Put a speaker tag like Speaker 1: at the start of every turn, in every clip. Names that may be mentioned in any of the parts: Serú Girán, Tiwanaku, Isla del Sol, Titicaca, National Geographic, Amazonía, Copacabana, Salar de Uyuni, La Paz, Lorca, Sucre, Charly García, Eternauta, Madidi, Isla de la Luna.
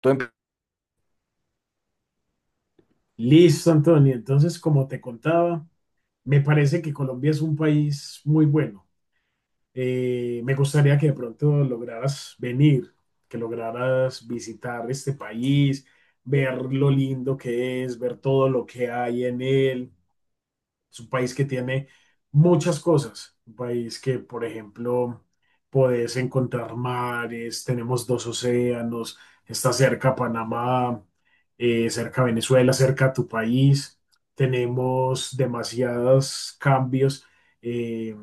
Speaker 1: Tú empe-
Speaker 2: Listo, Antonio. Entonces, como te contaba, me parece que Colombia es un país muy bueno. Me gustaría que de pronto lograras venir, que lograras visitar este país, ver lo lindo que es, ver todo lo que hay en él. Es un país que tiene muchas cosas. Un país que, por ejemplo, podés encontrar mares, tenemos dos océanos, está cerca Panamá, cerca Venezuela, cerca a tu país. Tenemos demasiados cambios. eh,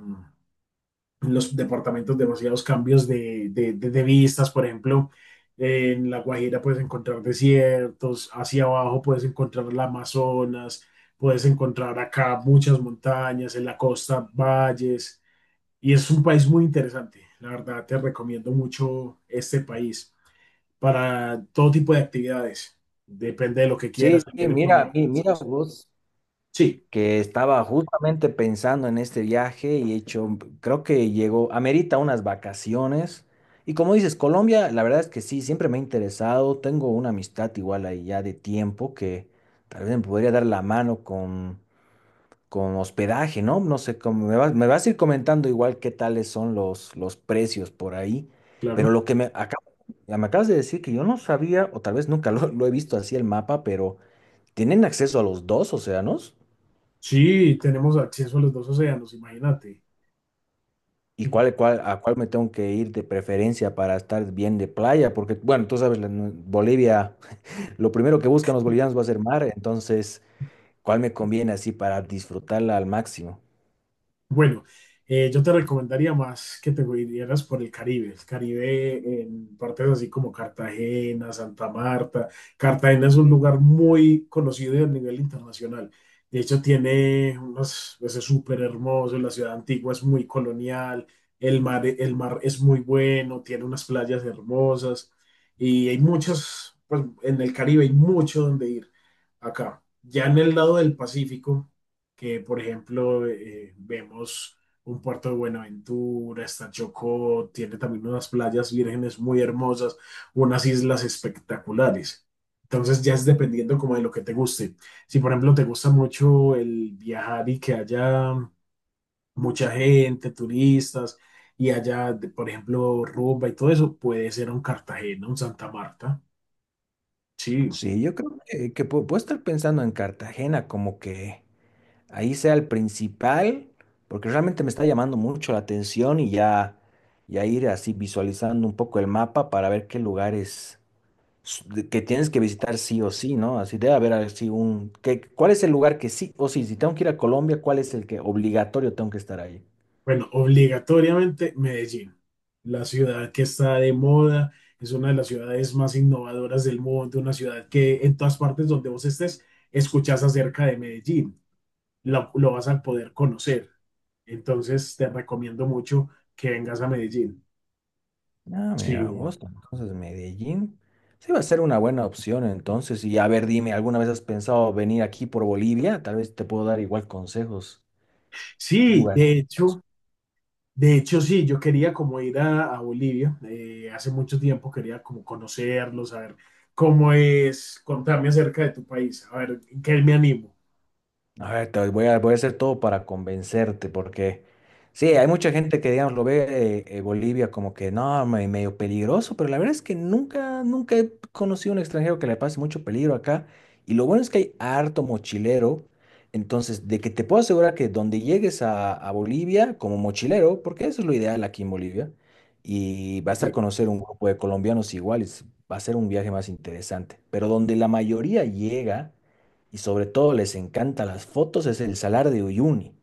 Speaker 2: los departamentos demasiados cambios de vistas, por ejemplo, en La Guajira puedes encontrar desiertos, hacia abajo puedes encontrar la Amazonas, puedes encontrar acá muchas montañas, en la costa valles, y es un país muy interesante. La verdad, te recomiendo mucho este país para todo tipo de actividades. Depende de lo que quieras
Speaker 1: Sí,
Speaker 2: también en por
Speaker 1: mira,
Speaker 2: medio.
Speaker 1: mira vos,
Speaker 2: Sí,
Speaker 1: que estaba justamente pensando en este viaje y he hecho, creo que llegó, amerita unas vacaciones. Y como dices, Colombia, la verdad es que sí, siempre me ha interesado. Tengo una amistad igual ahí ya de tiempo que tal vez me podría dar la mano con hospedaje, ¿no? No sé cómo me vas a ir comentando igual qué tales son los precios por ahí. Pero
Speaker 2: claro.
Speaker 1: lo que me, acá, me acabas de decir que yo no sabía, o tal vez nunca lo he visto así el mapa, pero. ¿Tienen acceso a los dos océanos?
Speaker 2: Sí, tenemos acceso a los dos océanos, imagínate.
Speaker 1: ¿Y cuál, cuál, a cuál me tengo que ir de preferencia para estar bien de playa? Porque, bueno, tú sabes, en Bolivia, lo primero que buscan los bolivianos va a ser mar, entonces, ¿cuál me conviene así para disfrutarla al máximo?
Speaker 2: Bueno, yo te recomendaría más que te vinieras por el Caribe. El Caribe en partes así como Cartagena, Santa Marta. Cartagena es un lugar muy conocido a nivel internacional. De hecho, tiene unas, pues, es súper hermoso. La ciudad antigua es muy colonial. El mar es muy bueno. Tiene unas playas hermosas. Y hay muchos, pues en el Caribe hay mucho donde ir acá. Ya en el lado del Pacífico que, por ejemplo, vemos un puerto de Buenaventura, está Chocó, tiene también unas playas vírgenes muy hermosas, unas islas espectaculares. Entonces ya es dependiendo como de lo que te guste. Si, por ejemplo, te gusta mucho el viajar y que haya mucha gente, turistas, y haya por ejemplo rumba y todo eso, puede ser un Cartagena, un Santa Marta. Sí.
Speaker 1: Sí, yo creo que puedo estar pensando en Cartagena, como que ahí sea el principal, porque realmente me está llamando mucho la atención y ya, ya ir así visualizando un poco el mapa para ver qué lugares que tienes que visitar sí o sí, ¿no? Así debe haber así un... que- ¿cuál es el lugar que sí o sí? Si tengo que ir a Colombia, ¿cuál es el que obligatorio tengo que estar ahí?
Speaker 2: Bueno, obligatoriamente Medellín, la ciudad que está de moda, es una de las ciudades más innovadoras del mundo, una ciudad que en todas partes donde vos estés escuchas acerca de Medellín, lo vas a poder conocer. Entonces te recomiendo mucho que vengas a Medellín.
Speaker 1: Ah,
Speaker 2: Sí,
Speaker 1: mira, vos, entonces Medellín. Sí va a ser una buena opción entonces. Y a ver, dime, ¿alguna vez has pensado venir aquí por Bolivia? Tal vez te puedo dar igual consejos. ¿Qué
Speaker 2: sí,
Speaker 1: lugar?
Speaker 2: de hecho sí, yo quería como ir a Bolivia, hace mucho tiempo quería como conocerlo, saber cómo es, contarme acerca de tu país, a ver, ¿en qué me animo?
Speaker 1: A ver, voy a hacer todo para convencerte, porque sí, hay mucha gente que, digamos, lo ve Bolivia como que no, medio peligroso, pero la verdad es que nunca, nunca he conocido a un extranjero que le pase mucho peligro acá. Y lo bueno es que hay harto mochilero, entonces, de que te puedo asegurar que donde llegues a Bolivia como mochilero, porque eso es lo ideal aquí en Bolivia, y vas a
Speaker 2: Sí.
Speaker 1: conocer un grupo de colombianos iguales, va a ser un viaje más interesante, pero donde la mayoría llega y sobre todo les encantan las fotos, es el Salar de Uyuni.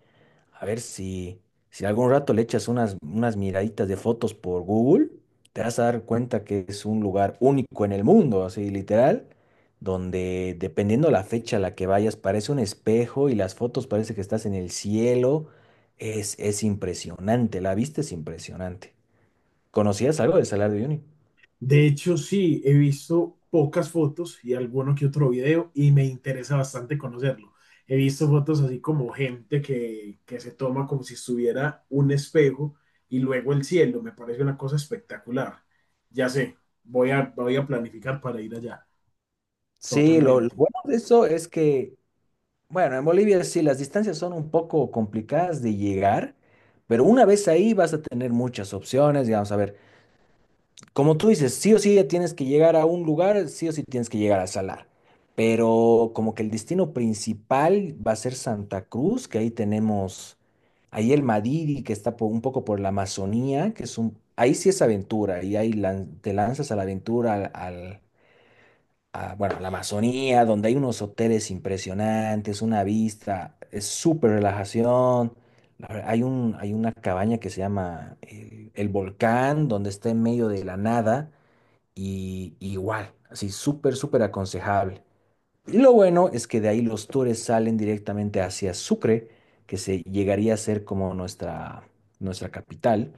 Speaker 1: A ver si, si algún rato le echas unas, unas miraditas de fotos por Google, te vas a dar cuenta que es un lugar único en el mundo, así literal, donde dependiendo la fecha a la que vayas, parece un espejo y las fotos parece que estás en el cielo. Es impresionante, la vista es impresionante. ¿Conocías algo del Salar de Uyuni?
Speaker 2: De hecho, sí, he visto pocas fotos y alguno que otro video y me interesa bastante conocerlo. He visto fotos así como gente que se toma como si estuviera un espejo y luego el cielo. Me parece una cosa espectacular. Ya sé, voy a, voy a planificar para ir allá.
Speaker 1: Sí, lo
Speaker 2: Totalmente.
Speaker 1: bueno de eso es que bueno, en Bolivia sí, las distancias son un poco complicadas de llegar, pero una vez ahí vas a tener muchas opciones, digamos, a ver, como tú dices, sí o sí ya tienes que llegar a un lugar, sí o sí tienes que llegar a Salar, pero como que el destino principal va a ser Santa Cruz, que ahí tenemos, ahí el Madidi, que está un poco por la Amazonía, que es un, ahí sí es aventura, y ahí te lanzas a la aventura, al, a, bueno, a la Amazonía, donde hay unos hoteles impresionantes, una vista, es súper relajación. Hay un, hay una cabaña que se llama el Volcán, donde está en medio de la nada y igual, así súper, súper aconsejable. Y lo bueno es que de ahí los tours salen directamente hacia Sucre, que se llegaría a ser como nuestra, nuestra capital.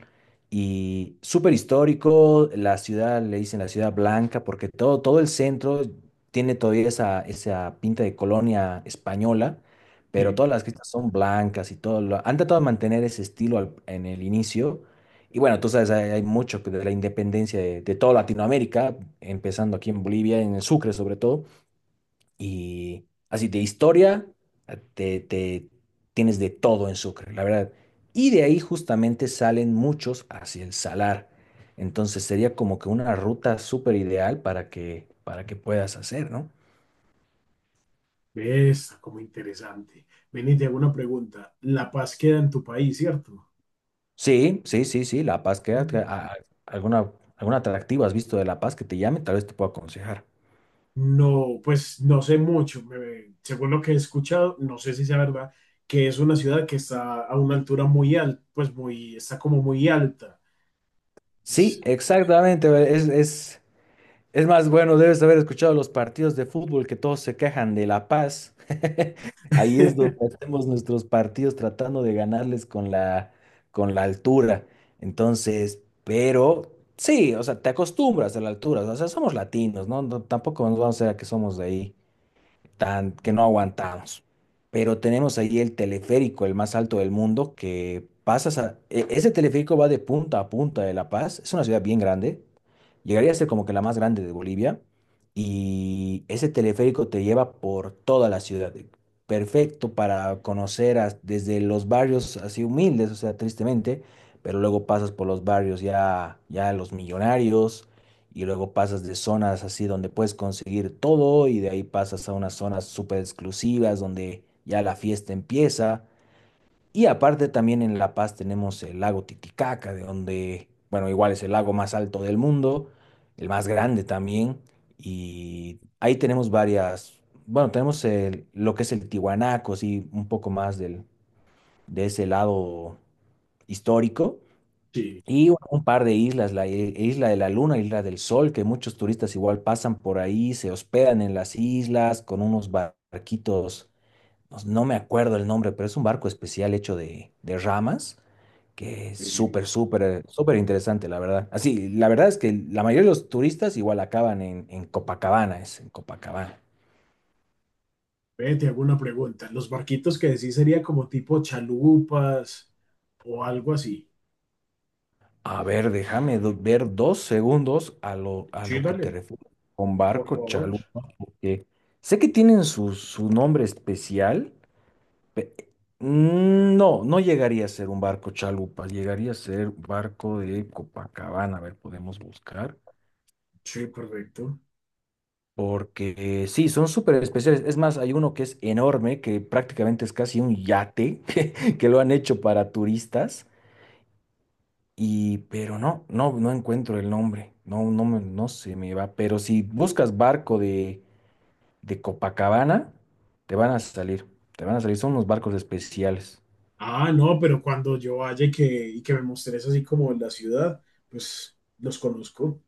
Speaker 1: Y súper histórico, la ciudad le dicen la ciudad blanca, porque todo, todo el centro tiene todavía esa, esa pinta de colonia española, pero
Speaker 2: Sí.
Speaker 1: todas las casas son blancas y todo. Lo, han tratado de mantener ese estilo en el inicio. Y bueno, tú sabes, hay mucho que de la independencia de toda Latinoamérica, empezando aquí en Bolivia, en el Sucre sobre todo. Y así de historia, ah, tienes de todo en Sucre, la verdad. Y de ahí justamente salen muchos hacia el Salar. Entonces sería como que una ruta súper ideal para que puedas hacer, ¿no?
Speaker 2: ¿Ves? Como interesante. Ven y te hago una pregunta. La Paz queda en tu país, ¿cierto?
Speaker 1: Sí, sí, sí, sí, La Paz queda.
Speaker 2: Mm.
Speaker 1: ¿Alguna, alguna atractiva has visto de La Paz que te llame? Tal vez te pueda aconsejar.
Speaker 2: No, pues no sé mucho. Según lo que he escuchado, no sé si sea verdad, que es una ciudad que está a una altura muy alta, pues muy, está como muy alta. Es-
Speaker 1: Sí, exactamente. Es, es más, bueno, debes haber escuchado los partidos de fútbol que todos se quejan de La Paz. Ahí es donde hacemos nuestros partidos tratando de ganarles con la altura. Entonces, pero sí, o sea, te acostumbras a la altura. O sea, somos latinos, ¿no? No, tampoco nos vamos a ver que somos de ahí, tan, que no aguantamos. Pero tenemos ahí el teleférico, el más alto del mundo, que pasas a... Ese teleférico va de punta a punta de La Paz. Es una ciudad bien grande, llegaría a ser como que la más grande de Bolivia y ese teleférico te lleva por toda la ciudad. Perfecto para conocer desde los barrios así humildes, o sea, tristemente, pero luego pasas por los barrios ya, ya los millonarios y luego pasas de zonas así donde puedes conseguir todo y de ahí pasas a unas zonas súper exclusivas donde ya la fiesta empieza. Y aparte también en La Paz tenemos el lago Titicaca, de donde, bueno, igual es el lago más alto del mundo, el más grande también, y ahí tenemos varias, bueno, tenemos lo que es el Tiwanaku, sí, un poco más del, de ese lado histórico,
Speaker 2: sí.
Speaker 1: y bueno, un par de islas, Isla de la Luna, Isla del Sol, que muchos turistas igual pasan por ahí, se hospedan en las islas con unos barquitos, no me acuerdo el nombre, pero es un barco especial hecho de ramas, que es
Speaker 2: eh,
Speaker 1: súper, súper, súper interesante, la verdad. Así, la verdad es que la mayoría de los turistas igual acaban en Copacabana, es en Copacabana.
Speaker 2: Ve, te hago una pregunta. ¿Los barquitos que decís sería como tipo chalupas o algo así?
Speaker 1: A ver, déjame ver dos segundos a
Speaker 2: Sí,
Speaker 1: lo que te
Speaker 2: dale,
Speaker 1: refieres con
Speaker 2: por
Speaker 1: barco
Speaker 2: favor.
Speaker 1: chalupa, que sé que tienen su, su nombre especial. pe- No, no llegaría a ser un barco chalupa, llegaría a ser barco de Copacabana. A ver, podemos buscar.
Speaker 2: Sí, correcto.
Speaker 1: Porque sí, son súper especiales. Es más, hay uno que es enorme, que prácticamente es casi un yate, que lo han hecho para turistas. Y, pero no, no, no encuentro el nombre. No, no, no se me va. Pero si buscas barco de Copacabana, te van a salir. Te van a salir. Son unos barcos especiales.
Speaker 2: Ah, no, pero cuando yo vaya y que me mostres así como la ciudad, pues los conozco.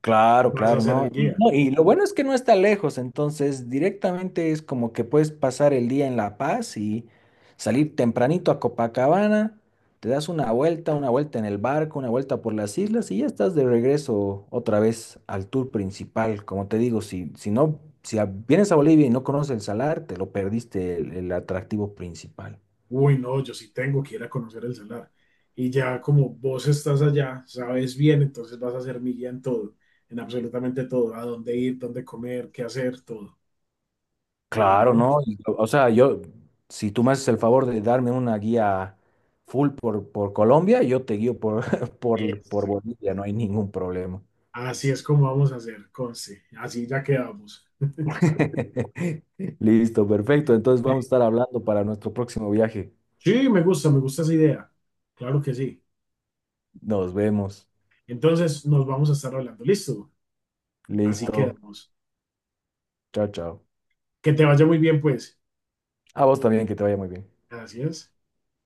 Speaker 1: Claro,
Speaker 2: Vas a
Speaker 1: claro,
Speaker 2: ser
Speaker 1: ¿no?
Speaker 2: el
Speaker 1: Y
Speaker 2: guía.
Speaker 1: no, y lo bueno es que no está lejos, entonces directamente es como que puedes pasar el día en La Paz y salir tempranito a Copacabana, te das una vuelta en el barco, una vuelta por las islas y ya estás de regreso otra vez al tour principal. Como te digo, si, si no, si a- vienes a Bolivia y no conoces el salar, te lo perdiste el atractivo principal.
Speaker 2: Uy, no, yo sí tengo que ir a conocer el salar. Y ya como vos estás allá, sabes bien, entonces vas a ser mi guía en todo, en absolutamente todo, a dónde ir, dónde comer, qué hacer, todo.
Speaker 1: Claro,
Speaker 2: Claro.
Speaker 1: ¿no? Y, o sea, yo, si tú me haces el favor de darme una guía full por Colombia, yo te guío por, por
Speaker 2: Eso.
Speaker 1: Bolivia, no hay ningún problema.
Speaker 2: Así es como vamos a hacer, conste. Así ya quedamos.
Speaker 1: Listo, perfecto. Entonces
Speaker 2: Ve.
Speaker 1: vamos a estar hablando para nuestro próximo viaje.
Speaker 2: Sí, me gusta esa idea. Claro que sí.
Speaker 1: Nos vemos.
Speaker 2: Entonces nos vamos a estar hablando. Listo. Así
Speaker 1: Listo.
Speaker 2: quedamos.
Speaker 1: Chao, chao.
Speaker 2: Que te vaya muy bien, pues.
Speaker 1: A vos también, que te vaya muy bien.
Speaker 2: Gracias.